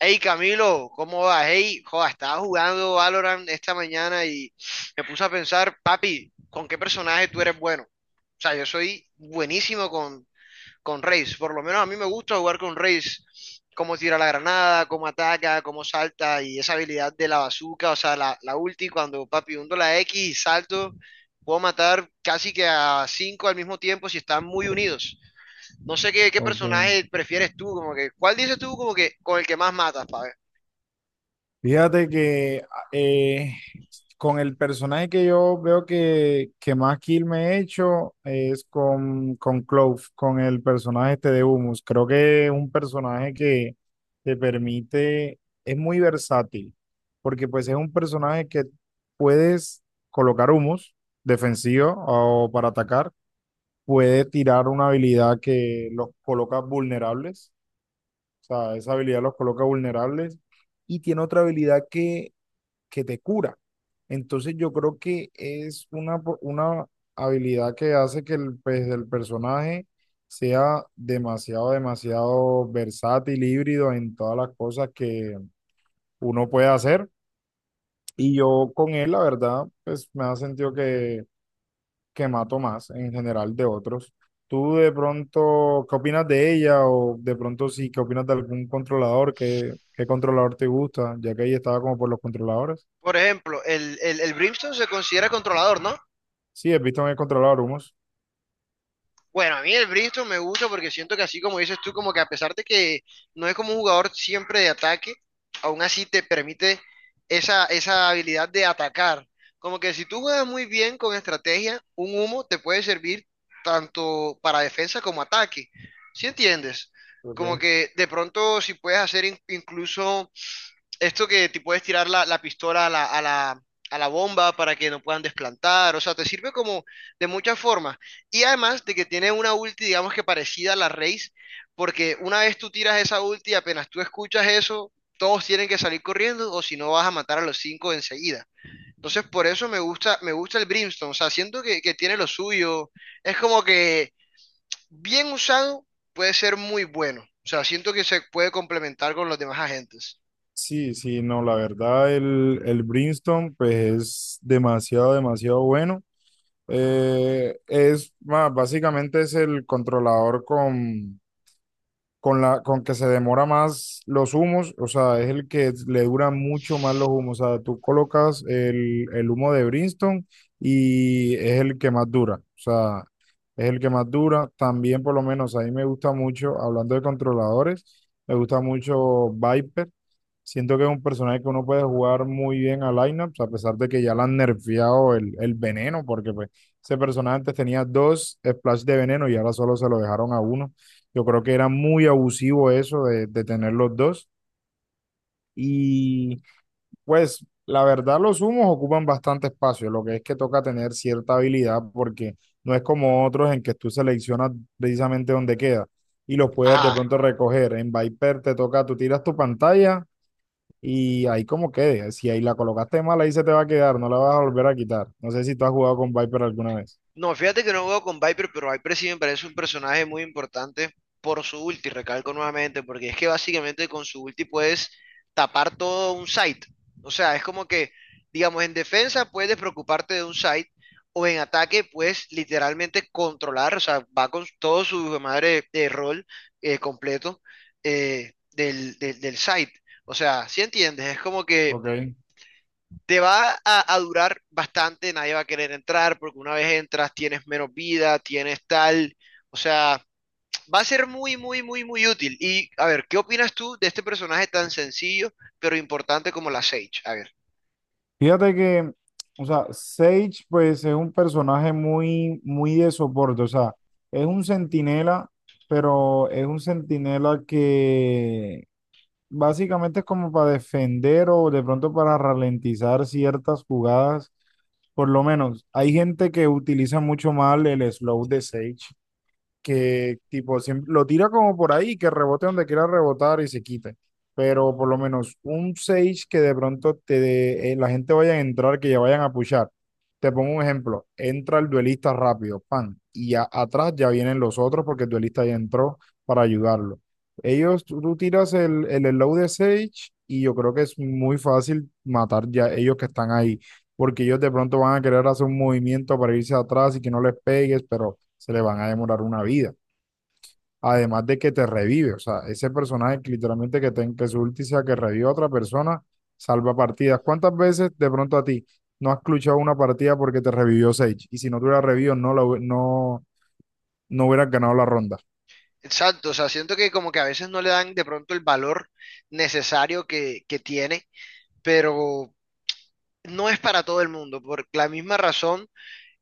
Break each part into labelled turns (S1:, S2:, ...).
S1: Hey Camilo, ¿cómo vas? Hey, joda, estaba jugando Valorant esta mañana y me puse a pensar, papi, ¿con qué personaje tú eres bueno? O sea, yo soy buenísimo con Raze, por lo menos a mí me gusta jugar con Raze, cómo tira la granada, cómo ataca, cómo salta y esa habilidad de la bazooka, o sea, la ulti cuando, papi, hundo la X y salto, puedo matar casi que a cinco al mismo tiempo si están muy unidos. No sé qué
S2: Ok.
S1: personaje prefieres tú, como que, ¿cuál dices tú como que con el que más matas, pa'
S2: Fíjate que eh, con el personaje que yo veo que más kill me he hecho es con Clove, con el personaje este de Humus. Creo que es un personaje que te permite, es muy versátil, porque pues es un personaje que puedes colocar Humus defensivo o para atacar, puede tirar una habilidad que los coloca vulnerables. O sea, esa habilidad los coloca vulnerables y tiene otra habilidad que te cura. Entonces yo creo que es una habilidad que hace que el, pues, el personaje sea demasiado, demasiado versátil, híbrido en todas las cosas que uno puede hacer. Y yo con él, la verdad, pues me ha sentido que mato más en general de otros. ¿Tú de pronto qué opinas de ella o de pronto sí, qué opinas de algún controlador? ¿Qué controlador te gusta? Ya que ahí estaba como por los controladores.
S1: Por ejemplo, el Brimstone se considera controlador, ¿no?
S2: Sí, he visto en el controlador humos.
S1: Bueno, a mí el Brimstone me gusta porque siento que así como dices tú, como que a pesar de que no es como un jugador siempre de ataque, aún así te permite esa habilidad de atacar. Como que si tú juegas muy bien con estrategia, un humo te puede servir tanto para defensa como ataque. ¿Sí entiendes? Como
S2: Ok.
S1: que de pronto si puedes hacer incluso esto que te puedes tirar la pistola a la bomba para que no puedan desplantar, o sea, te sirve como de muchas formas. Y además de que tiene una ulti, digamos que parecida a la Raze, porque una vez tú tiras esa ulti, apenas tú escuchas eso, todos tienen que salir corriendo o si no vas a matar a los cinco enseguida. Entonces, por eso me gusta el Brimstone, o sea, siento que tiene lo suyo, es como que bien usado puede ser muy bueno, o sea, siento que se puede complementar con los demás agentes.
S2: Sí, sí, no, la verdad el Brimstone pues es demasiado, demasiado bueno. Es más, básicamente es el controlador con que se demora más los humos, o sea, es el que le dura mucho más los humos. O sea, tú colocas el humo de Brimstone y es el que más dura. O sea, es el que más dura. También, por lo menos, a mí me gusta mucho, hablando de controladores, me gusta mucho Viper. Siento que es un personaje que uno puede jugar muy bien a lineups, a pesar de que ya le han nerfeado el veneno, porque pues ese personaje antes tenía dos splash de veneno y ahora solo se lo dejaron a uno. Yo creo que era muy abusivo eso de tener los dos. Y pues la verdad los humos ocupan bastante espacio, lo que es que toca tener cierta habilidad porque no es como otros en que tú seleccionas precisamente dónde queda y los puedes de
S1: Ajá.
S2: pronto recoger. En Viper te toca, tú tiras tu pantalla y ahí como quede. Si ahí la colocaste mal, ahí se te va a quedar, no la vas a volver a quitar. No sé si tú has jugado con Viper alguna vez.
S1: No, fíjate que no juego con Viper, pero Viper sí me parece un personaje muy importante por su ulti, recalco nuevamente, porque es que básicamente con su ulti puedes tapar todo un site. O sea, es como que, digamos, en defensa puedes preocuparte de un site o en ataque puedes literalmente controlar, o sea, va con todo su madre de rol completo, del site. O sea, si entiendes? Es como que
S2: Ok.
S1: te va a durar bastante, nadie va a querer entrar porque una vez entras tienes menos vida, tienes tal, o sea, va a ser muy, muy, muy, muy útil. Y a ver, ¿qué opinas tú de este personaje tan sencillo pero importante como la Sage? A ver,
S2: Fíjate que, o sea, Sage pues es un personaje muy, muy de soporte, o sea, es un centinela, pero es un centinela que básicamente es como para defender o de pronto para ralentizar ciertas jugadas, por lo menos. Hay gente que utiliza mucho mal el slow de Sage, que tipo siempre, lo tira como por ahí, que rebote donde quiera rebotar y se quite. Pero por lo menos un 6 que de pronto la gente vaya a entrar, que ya vayan a pushar. Te pongo un ejemplo, entra el duelista rápido, pan, y ya atrás ya vienen los otros porque el duelista ya entró para ayudarlo. Ellos, tú tiras el slow de Sage y yo creo que es muy fácil matar ya ellos que están ahí, porque ellos de pronto van a querer hacer un movimiento para irse atrás y que no les pegues, pero se le van a demorar una vida. Además de que te revive, o sea, ese personaje que literalmente que su ulti sea que revive a otra persona, salva partidas. ¿Cuántas veces de pronto a ti no has clutchado una partida porque te revivió Sage? Y si no tuviera revivido, no hubieras ganado la ronda.
S1: exacto, o sea, siento que como que a veces no le dan de pronto el valor necesario que tiene, pero no es para todo el mundo, por la misma razón,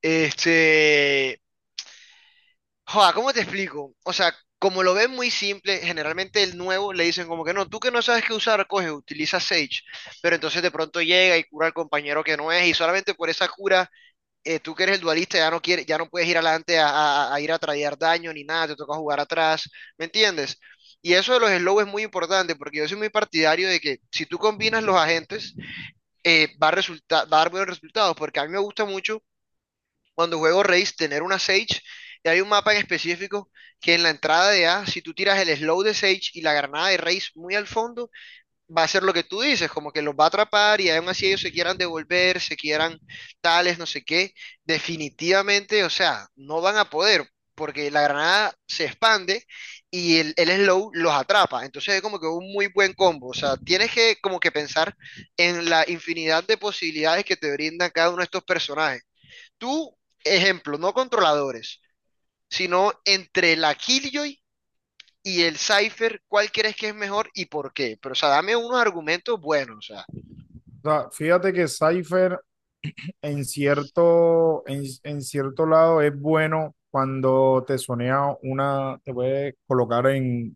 S1: este, Joa, ¿cómo te explico? O sea, como lo ven muy simple, generalmente el nuevo le dicen como que no, tú que no sabes qué usar, coge, utiliza Sage, pero entonces de pronto llega y cura al compañero que no es, y solamente por esa cura, tú que eres el dualista ya no quieres, ya no puedes ir adelante a ir a traer daño ni nada, te toca jugar atrás, ¿me entiendes? Y eso de los slow es muy importante porque yo soy muy partidario de que si tú combinas los agentes, va a dar buenos resultados, porque a mí me gusta mucho cuando juego Race, tener una Sage. Y hay un mapa en específico que en la entrada de A, si tú tiras el slow de Sage y la granada de Raze muy al fondo, va a ser lo que tú dices, como que los va a atrapar y aún así ellos se quieran devolver, se quieran tales, no sé qué. Definitivamente, o sea, no van a poder porque la granada se expande y el slow los atrapa. Entonces es como que un muy buen combo. O sea, tienes que como que pensar en la infinidad de posibilidades que te brindan cada uno de estos personajes. Tú, ejemplo, no controladores, sino entre la Killjoy y el Cypher, ¿cuál crees que es mejor y por qué? Pero, o sea, dame unos argumentos buenos, o sea.
S2: O sea, fíjate que Cypher en cierto lado es bueno cuando te sonea una, te puede colocar en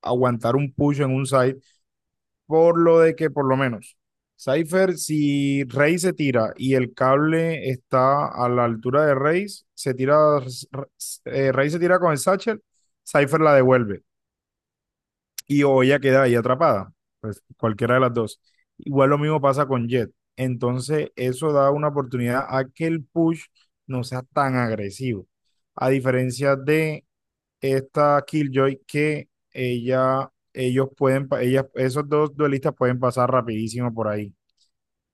S2: aguantar un push en un site por lo de que por lo menos Cypher, si Rey se tira y el cable está a la altura de se tira, Rey se tira con el satchel, Cypher la devuelve y o ella queda ahí atrapada, pues cualquiera de las dos. Igual lo mismo pasa con Jet. Entonces eso da una oportunidad a que el push no sea tan agresivo. A diferencia de esta Killjoy que ella, ellos pueden, ellas, esos dos duelistas pueden pasar rapidísimo por ahí.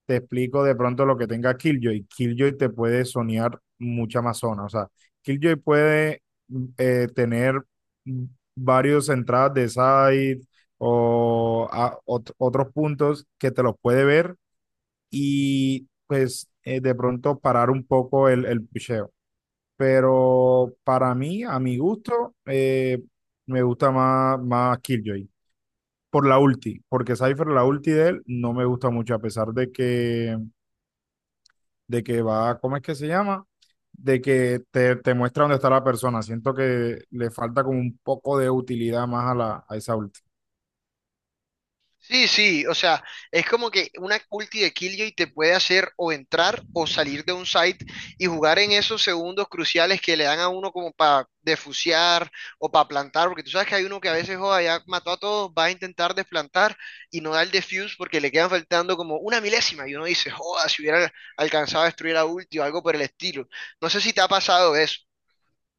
S2: Te explico de pronto lo que tenga Killjoy. Killjoy te puede sonear mucha más zona. O sea, Killjoy puede tener varios entradas de side o otros puntos que te los puede ver y pues de pronto parar un poco el pusheo. Pero para mí, a mi gusto, me gusta más Killjoy por la ulti, porque Cypher, la ulti de él, no me gusta mucho, a pesar de que va, ¿cómo es que se llama? De que te muestra dónde está la persona. Siento que le falta como un poco de utilidad más a esa ulti.
S1: Sí, sí, o sea, es como que una ulti de Killjoy te puede hacer o entrar o salir de un site y jugar en esos segundos cruciales que le dan a uno como para defusear o para plantar, porque tú sabes que hay uno que a veces joda, ya mató a todos, va a intentar desplantar y no da el defuse porque le quedan faltando como una milésima y uno dice, joda, si hubiera alcanzado a destruir a ulti o algo por el estilo. No sé si te ha pasado eso.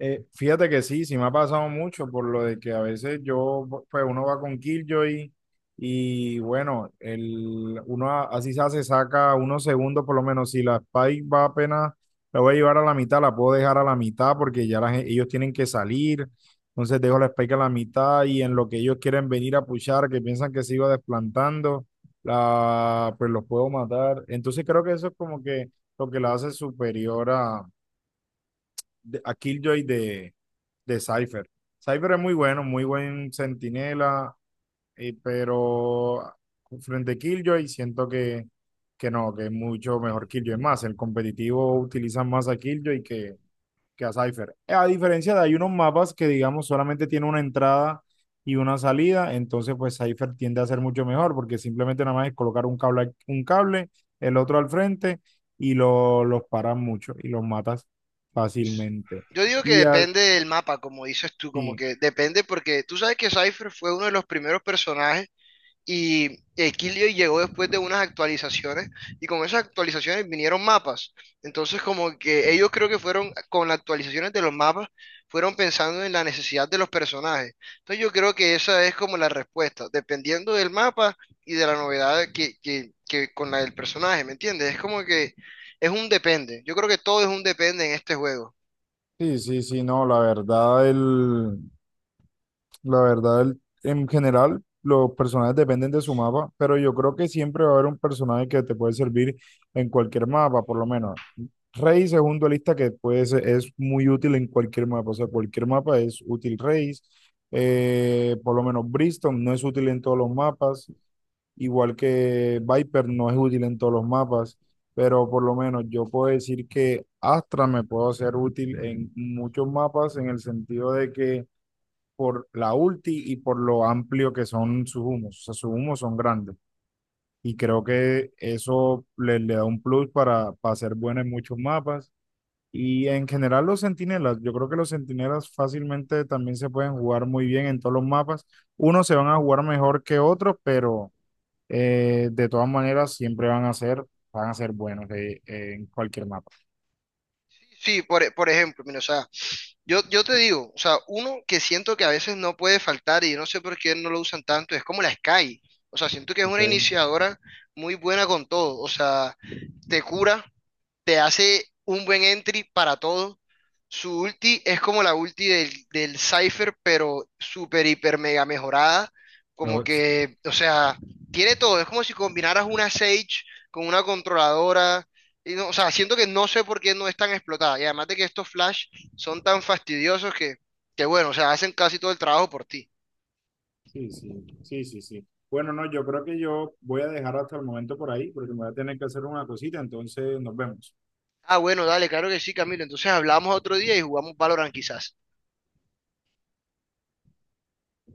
S2: Fíjate que sí, sí me ha pasado mucho por lo de que a veces yo, pues uno va con Killjoy y bueno, el, uno así se hace, saca unos segundos por lo menos. Si la Spike va apenas, la voy a llevar a la mitad, la puedo dejar a la mitad porque ya ellos tienen que salir. Entonces dejo la Spike a la mitad y en lo que ellos quieren venir a pushar, que piensan que se iba desplantando, la, pues los puedo matar. Entonces creo que eso es como que lo que la hace superior a Killjoy de Cypher. Cypher es muy bueno, muy buen centinela, pero frente a Killjoy siento que no, que es mucho mejor Killjoy. Es más, el competitivo utiliza más a Killjoy que a Cypher. A diferencia de hay unos mapas que, digamos, solamente tiene una entrada y una salida, entonces pues Cypher tiende a ser mucho mejor porque simplemente nada más es colocar un cable el otro al frente los paras mucho y los matas fácilmente.
S1: Yo digo que
S2: Y así,
S1: depende del mapa, como dices tú, como
S2: sí,
S1: que depende porque tú sabes que Cypher fue uno de los primeros personajes. Y Equilio llegó después de unas actualizaciones y con esas actualizaciones vinieron mapas. Entonces como que ellos creo que fueron con las actualizaciones de los mapas, fueron pensando en la necesidad de los personajes. Entonces yo creo que esa es como la respuesta, dependiendo del mapa y de la novedad que con la del personaje, ¿me entiendes? Es como que es un depende. Yo creo que todo es un depende en este juego.
S2: sí, sí, sí, no, la verdad, el, la verdad, en general, los personajes dependen de su mapa, pero yo creo que siempre va a haber un personaje que te puede servir en cualquier mapa, por lo menos. Raze es un duelista que puede ser, es muy útil en cualquier mapa, o sea, cualquier mapa es útil Raze. Por lo menos Briston no es útil en todos los mapas, igual que Viper no es útil en todos los mapas, pero por lo menos yo puedo decir que Astra me puedo ser útil en muchos mapas en el sentido de que por la ulti y por lo amplio que son sus humos. O sea, sus humos son grandes. Y creo que eso le da un plus para ser bueno en muchos mapas. Y en general los centinelas, yo creo que los centinelas fácilmente también se pueden jugar muy bien en todos los mapas. Unos se van a jugar mejor que otros, pero de todas maneras siempre van a ser buenos en cualquier mapa.
S1: Sí, por ejemplo, mira, o sea, yo te digo, o sea, uno que siento que a veces no puede faltar y yo no sé por qué no lo usan tanto, es como la Sky. O sea, siento que es una
S2: ¿Ok?
S1: iniciadora muy buena con todo. O sea, te cura, te hace un buen entry para todo. Su ulti es como la ulti del Cypher, pero súper, hiper, mega mejorada. Como
S2: Yo-
S1: que, o sea, tiene todo. Es como si combinaras una Sage con una controladora. Y o sea, siento que no sé por qué no es tan explotada. Y además de que estos Flash son tan fastidiosos que bueno, o sea, hacen casi todo el trabajo por ti.
S2: Sí, sí, sí, sí, sí. Bueno, no, yo creo que yo voy a dejar hasta el momento por ahí porque me voy a tener que hacer una cosita, entonces nos vemos.
S1: Ah, bueno, dale, claro que sí, Camilo. Entonces hablamos otro día y jugamos Valorant quizás.